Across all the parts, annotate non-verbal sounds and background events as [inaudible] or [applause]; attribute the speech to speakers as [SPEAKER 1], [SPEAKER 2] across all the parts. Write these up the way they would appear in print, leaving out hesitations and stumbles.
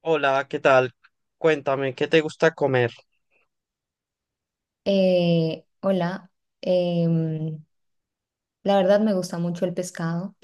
[SPEAKER 1] Hola, ¿qué tal? Cuéntame, ¿qué te gusta comer?
[SPEAKER 2] Hola, em, la verdad me gusta mucho el pescado.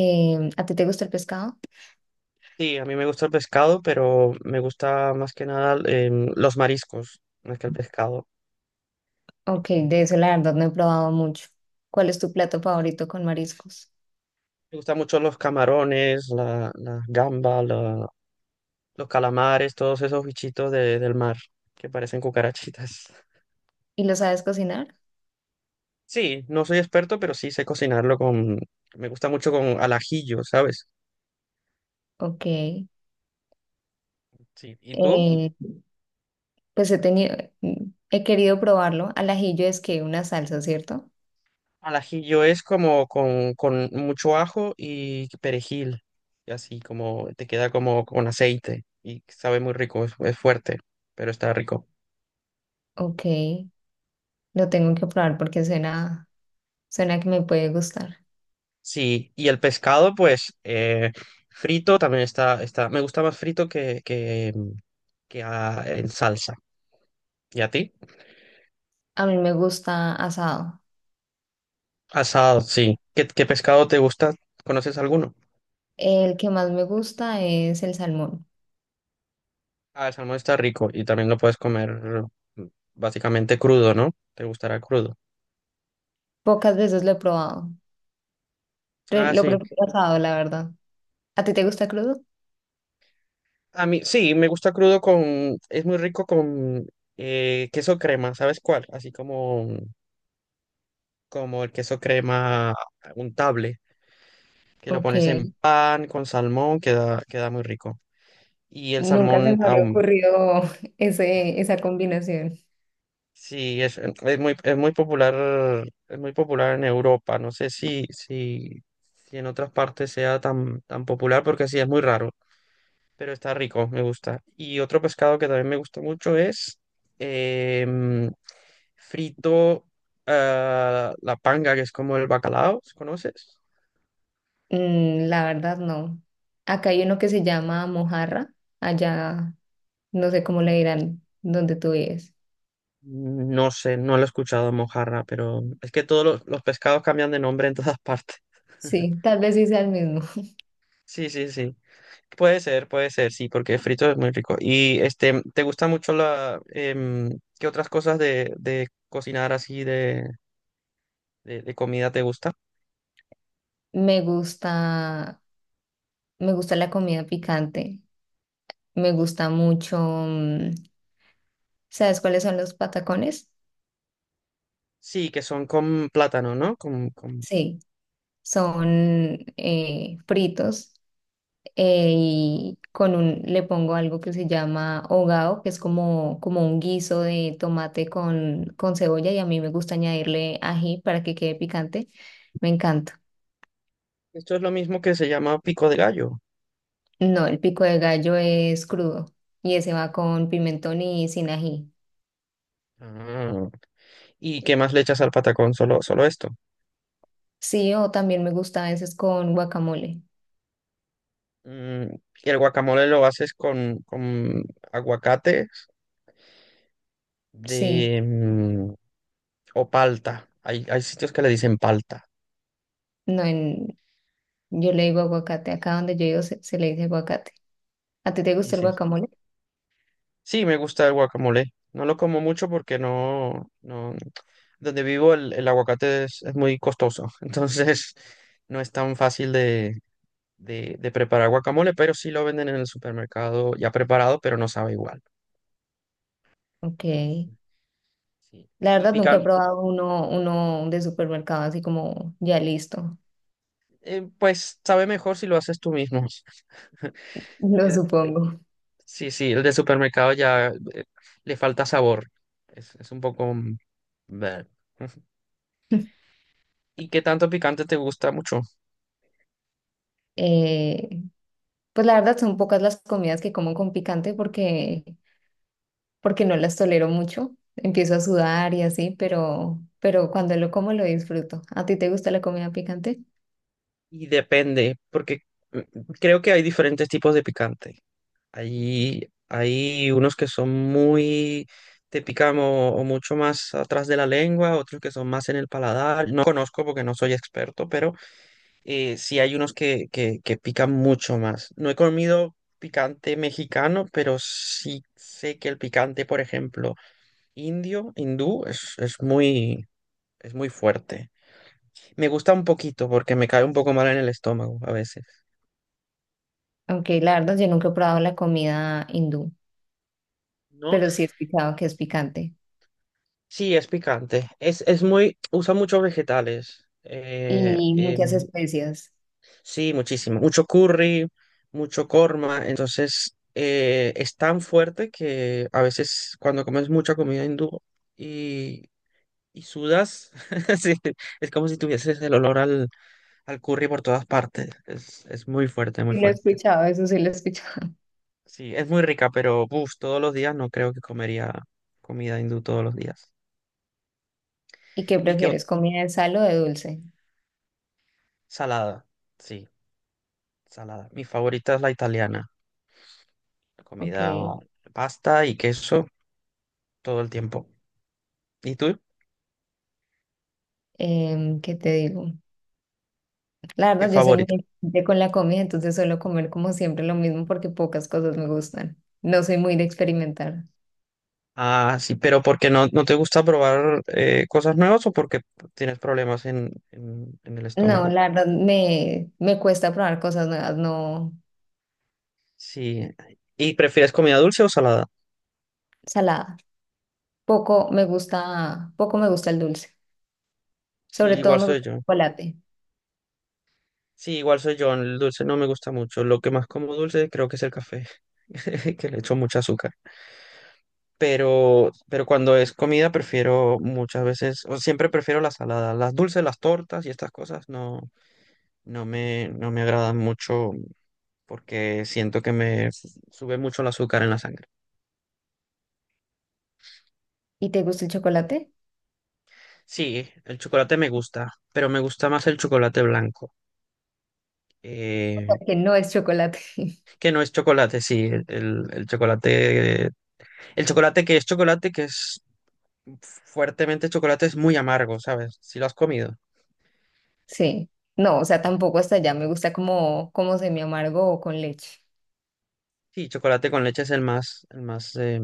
[SPEAKER 2] ¿A ti te gusta el pescado?
[SPEAKER 1] Sí, a mí me gusta el pescado, pero me gusta más que nada los mariscos, más que el pescado. Me
[SPEAKER 2] Ok, de eso la verdad no he probado mucho. ¿Cuál es tu plato favorito con mariscos?
[SPEAKER 1] gustan mucho los camarones, la gamba, los calamares, todos esos bichitos del mar que parecen cucarachitas. [laughs]
[SPEAKER 2] ¿Y lo sabes cocinar?
[SPEAKER 1] Sí, no soy experto, pero sí sé cocinarlo con... Me gusta mucho con al ajillo, ¿sabes?
[SPEAKER 2] Ok,
[SPEAKER 1] Sí, ¿y tú?
[SPEAKER 2] pues he querido probarlo. Al ajillo es que una salsa, ¿cierto?
[SPEAKER 1] Al ajillo es como con mucho ajo y perejil, y así como te queda como con aceite y sabe muy rico, es fuerte, pero está rico.
[SPEAKER 2] Ok, lo tengo que probar porque suena que me puede gustar.
[SPEAKER 1] Sí, y el pescado pues frito también está, me gusta más frito que en salsa. ¿Y a ti?
[SPEAKER 2] A mí me gusta asado.
[SPEAKER 1] Asado, sí. ¿Qué, qué pescado te gusta? ¿Conoces alguno?
[SPEAKER 2] El que más me gusta es el salmón.
[SPEAKER 1] Ah, el salmón está rico y también lo puedes comer mm, básicamente crudo, ¿no? ¿Te gustará crudo?
[SPEAKER 2] Pocas veces lo he probado.
[SPEAKER 1] Ah,
[SPEAKER 2] Lo
[SPEAKER 1] sí.
[SPEAKER 2] prefiero asado, la verdad. ¿A ti te gusta crudo?
[SPEAKER 1] A mí, sí, me gusta crudo con, es muy rico con queso crema, ¿sabes cuál? Así como, como el queso crema untable, que lo
[SPEAKER 2] Ok,
[SPEAKER 1] pones en pan con salmón, queda muy rico. Y el
[SPEAKER 2] nunca se
[SPEAKER 1] salmón
[SPEAKER 2] me habría
[SPEAKER 1] aún,
[SPEAKER 2] ocurrido [laughs] esa combinación.
[SPEAKER 1] sí, es muy popular en Europa. No sé si en otras partes sea tan popular, porque sí, es muy raro. Pero está rico, me gusta. Y otro pescado que también me gusta mucho es em, frito, ah, la panga, que es como el bacalao, ¿conoces?
[SPEAKER 2] Mm, la verdad, no. Acá hay uno que se llama mojarra. Allá, no sé cómo le dirán donde tú vives.
[SPEAKER 1] No sé, no lo he escuchado en mojarra, pero es que todos los pescados cambian de nombre en todas partes. [laughs]
[SPEAKER 2] Sí, tal vez sí sea el mismo.
[SPEAKER 1] Sí, sí, sí. Puede ser, sí, porque frito es muy rico. Y este, ¿te gusta mucho qué otras cosas de cocinar así de comida te gusta?
[SPEAKER 2] Me gusta, me gusta la comida picante. Me gusta mucho. ¿Sabes cuáles son los patacones?
[SPEAKER 1] Sí, que son con plátano, ¿no? Con...
[SPEAKER 2] Sí, son fritos y con un, le pongo algo que se llama hogao, que es como un guiso de tomate con cebolla, y a mí me gusta añadirle ají para que quede picante, me encanta.
[SPEAKER 1] Esto es lo mismo que se llama pico de gallo.
[SPEAKER 2] No, el pico de gallo es crudo y ese va con pimentón y sin ají.
[SPEAKER 1] Ah. ¿Y qué más le echas al patacón? Solo, solo esto.
[SPEAKER 2] Sí, o también me gusta a veces con guacamole.
[SPEAKER 1] Mm, y el guacamole lo haces con aguacates
[SPEAKER 2] Sí,
[SPEAKER 1] de, mm, o palta. Hay sitios que le dicen palta.
[SPEAKER 2] no en, yo le digo aguacate. Acá donde yo vivo se le dice aguacate. ¿A ti te
[SPEAKER 1] Sí,
[SPEAKER 2] gusta el
[SPEAKER 1] sí.
[SPEAKER 2] guacamole?
[SPEAKER 1] Sí, me gusta el guacamole. No lo como mucho porque no, no, donde vivo el aguacate es muy costoso. [laughs] Entonces no es tan fácil de preparar guacamole, pero sí lo venden en el supermercado ya preparado, pero no sabe igual.
[SPEAKER 2] Ok.
[SPEAKER 1] Sí.
[SPEAKER 2] La
[SPEAKER 1] Y
[SPEAKER 2] verdad, nunca he
[SPEAKER 1] picante,
[SPEAKER 2] probado uno de supermercado así como ya listo,
[SPEAKER 1] pues sabe mejor si lo haces tú mismo. [laughs]
[SPEAKER 2] [laughs] lo
[SPEAKER 1] Eh,
[SPEAKER 2] supongo.
[SPEAKER 1] sí, sí, el de supermercado ya le falta sabor. Es un poco... mm, bleh. [laughs] ¿Y qué tanto picante te gusta mucho?
[SPEAKER 2] Eh, pues la verdad son pocas las comidas que como con porque no las tolero mucho. Empiezo a sudar y así, pero cuando lo como lo disfruto. ¿A ti te gusta la comida picante?
[SPEAKER 1] Y depende, porque mm, creo que hay diferentes tipos de picante. Hay unos que son muy, te pican o mucho más atrás de la lengua, otros que son más en el paladar. No conozco porque no soy experto, pero sí hay unos que pican mucho más. No he comido picante mexicano, pero sí sé que el picante, por ejemplo, indio, hindú, es muy fuerte. Me gusta un poquito porque me cae un poco mal en el estómago a veces.
[SPEAKER 2] Aunque la verdad yo nunca he probado la comida hindú,
[SPEAKER 1] ¿No?
[SPEAKER 2] pero sí he escuchado que es picante
[SPEAKER 1] Sí, es picante. Es muy, usa muchos vegetales.
[SPEAKER 2] y muchas especias.
[SPEAKER 1] Sí, muchísimo. Mucho curry, mucho korma. Entonces, es tan fuerte que a veces cuando comes mucha comida hindú y, y sudas, [laughs] sí, es como si tuvieses el olor al curry por todas partes. Es muy fuerte, muy
[SPEAKER 2] Sí lo he
[SPEAKER 1] fuerte.
[SPEAKER 2] escuchado, eso sí lo he escuchado. [laughs]
[SPEAKER 1] Sí, es muy rica, pero uf, todos los días no creo que comería comida hindú todos los días.
[SPEAKER 2] ¿Y qué
[SPEAKER 1] ¿Y qué ot-
[SPEAKER 2] prefieres, comida de sal o de dulce?
[SPEAKER 1] Salada. Sí. Salada. Mi favorita es la italiana. La
[SPEAKER 2] Ok.
[SPEAKER 1] comida, pasta y queso todo el tiempo. ¿Y tú?
[SPEAKER 2] ¿Qué te digo? La
[SPEAKER 1] ¿Qué
[SPEAKER 2] verdad, yo soy muy
[SPEAKER 1] favorita?
[SPEAKER 2] exigente con la comida, entonces suelo comer como siempre lo mismo porque pocas cosas me gustan. No soy muy de experimentar.
[SPEAKER 1] Ah, sí, pero porque no te gusta probar cosas nuevas o porque tienes problemas en el
[SPEAKER 2] No,
[SPEAKER 1] estómago?
[SPEAKER 2] la verdad, me cuesta probar cosas nuevas, no
[SPEAKER 1] Sí. ¿Y prefieres comida dulce o salada?
[SPEAKER 2] salada. Poco me gusta el dulce.
[SPEAKER 1] Sí,
[SPEAKER 2] Sobre todo
[SPEAKER 1] igual
[SPEAKER 2] me
[SPEAKER 1] soy
[SPEAKER 2] gusta el
[SPEAKER 1] yo.
[SPEAKER 2] chocolate.
[SPEAKER 1] Sí, igual soy yo, el dulce no me gusta mucho. Lo que más como dulce creo que es el café, [laughs] que le echo mucho azúcar. Pero cuando es comida prefiero muchas veces, o siempre prefiero la salada. Las dulces, las tortas y estas cosas no, no me agradan mucho porque siento que me sube mucho el azúcar en la sangre.
[SPEAKER 2] ¿Y te gusta el chocolate?
[SPEAKER 1] Sí, el chocolate me gusta, pero me gusta más el chocolate blanco, eh,
[SPEAKER 2] Porque no es chocolate. [laughs]
[SPEAKER 1] que no es chocolate, sí, el chocolate. El chocolate, que es fuertemente chocolate, es muy amargo, ¿sabes? Si lo has comido.
[SPEAKER 2] Sí. No, o sea, tampoco hasta allá. Me gusta como semi amargo o con leche.
[SPEAKER 1] Sí, chocolate con leche es el más, el más.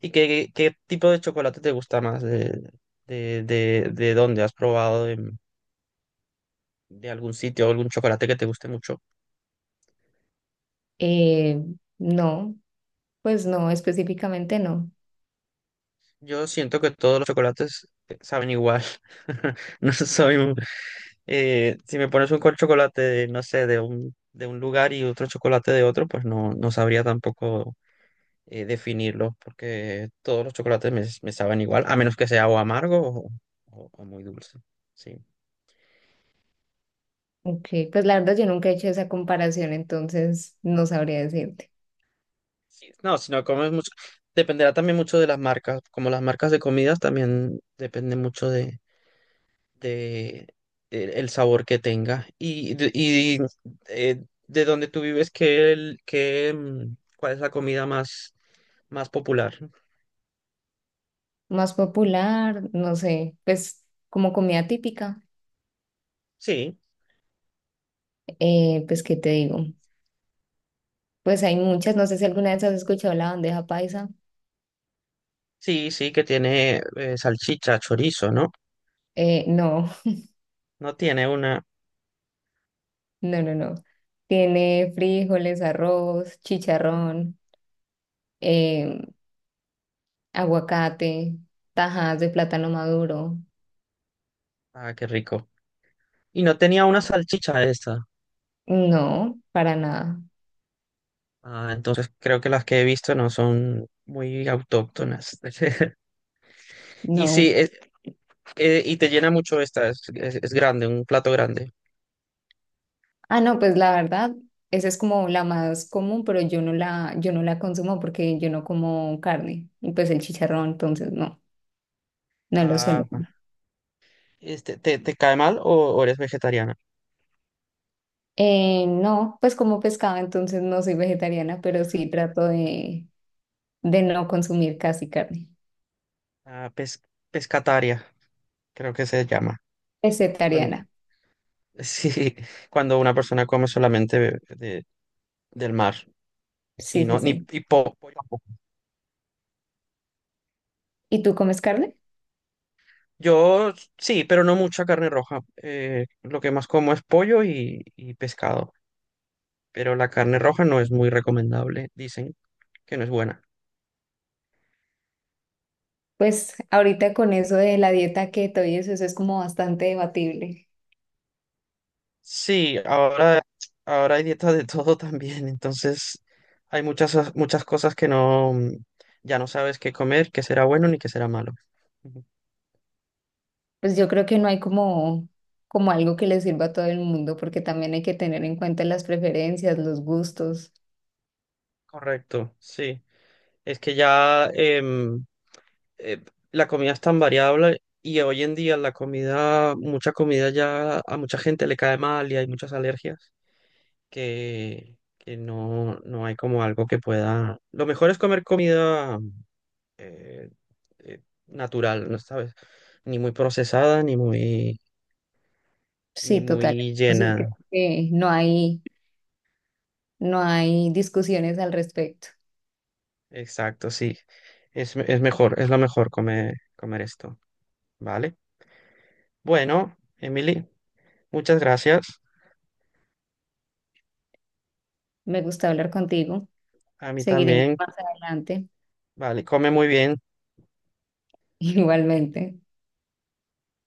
[SPEAKER 1] ¿Y qué, qué tipo de chocolate te gusta más? De dónde has probado? ¿De, algún sitio, algún chocolate que te guste mucho?
[SPEAKER 2] Eh, no, pues no, específicamente no.
[SPEAKER 1] Yo siento que todos los chocolates saben igual. [laughs] No soy un- si me pones un chocolate, de, no sé, de un lugar y otro chocolate de otro, pues no, no sabría tampoco definirlos porque todos los chocolates me saben igual, a menos que sea o amargo o muy dulce. Sí.
[SPEAKER 2] Ok, pues la verdad yo nunca he hecho esa comparación, entonces no sabría decirte.
[SPEAKER 1] Sí, no, sino comes mucho. Dependerá también mucho de las marcas. Como las marcas de comidas también depende mucho de, el sabor que tenga. Y de dónde tú vives, qué, mm, ¿cuál es la comida más, más popular?
[SPEAKER 2] Más popular, no sé, pues como comida típica,
[SPEAKER 1] Sí,
[SPEAKER 2] pues ¿qué te digo? Pues hay muchas, no sé si alguna vez has escuchado la bandeja paisa.
[SPEAKER 1] sí, sí, que tiene salchicha, chorizo, ¿no?
[SPEAKER 2] No,
[SPEAKER 1] No tiene una.
[SPEAKER 2] [laughs] no, no, no. Tiene frijoles, arroz, chicharrón, eh, aguacate, tajadas de plátano maduro.
[SPEAKER 1] Ah, qué rico. Y no tenía una salchicha esta.
[SPEAKER 2] No, para nada.
[SPEAKER 1] Ah, entonces creo que las que he visto no son muy autóctonas. [laughs] Y sí,
[SPEAKER 2] No,
[SPEAKER 1] y te llena mucho esta, es grande, un plato grande.
[SPEAKER 2] ah, no, pues la verdad, esa es como la más común, pero yo no la consumo porque yo no como carne y pues el chicharrón, entonces no, no lo suelo
[SPEAKER 1] Ah,
[SPEAKER 2] comer.
[SPEAKER 1] este, te cae mal o eres vegetariana?
[SPEAKER 2] No, pues como pescado, entonces no soy vegetariana, pero sí trato de no consumir casi carne.
[SPEAKER 1] Ah, pescataria, creo que se llama. Cuando,
[SPEAKER 2] Vegetariana,
[SPEAKER 1] [laughs] sí, cuando una persona come solamente de, del mar y
[SPEAKER 2] sí, sí,
[SPEAKER 1] no ni
[SPEAKER 2] sí.
[SPEAKER 1] y po- pollo tampoco.
[SPEAKER 2] ¿Y tú comes carne?
[SPEAKER 1] Yo sí, pero no mucha carne roja. Lo que más como es pollo y pescado, pero la carne roja no es muy recomendable, dicen que no es buena.
[SPEAKER 2] Pues ahorita con eso de la dieta keto y eso es como bastante debatible.
[SPEAKER 1] Sí, ahora, ahora hay dietas de [laughs] todo también, entonces hay muchas, muchas cosas que no, mm, ya no sabes qué comer, qué será bueno ni qué será malo. Ujú.
[SPEAKER 2] Pues yo creo que no hay como, como algo que le sirva a todo el mundo, porque también hay que tener en cuenta las preferencias, los gustos.
[SPEAKER 1] Correcto, sí. Es que ya, eh, la comida es tan variable y hoy en día la comida, mucha comida ya a mucha gente le cae mal y hay muchas alergias que no, no hay como algo que pueda... Lo mejor es comer comida eh, eh, natural, ¿no sabes? Ni muy procesada, ni muy, ni
[SPEAKER 2] Sí, total.
[SPEAKER 1] muy
[SPEAKER 2] Eso sí, creo
[SPEAKER 1] llena.
[SPEAKER 2] que no hay discusiones al respecto.
[SPEAKER 1] Exacto, sí. Es mejor, es lo mejor comer, comer esto, ¿vale? Bueno, Emily, muchas gracias.
[SPEAKER 2] Me gusta hablar contigo.
[SPEAKER 1] A mí
[SPEAKER 2] Seguiremos
[SPEAKER 1] también,
[SPEAKER 2] más adelante.
[SPEAKER 1] vale, come muy bien.
[SPEAKER 2] [laughs] Igualmente.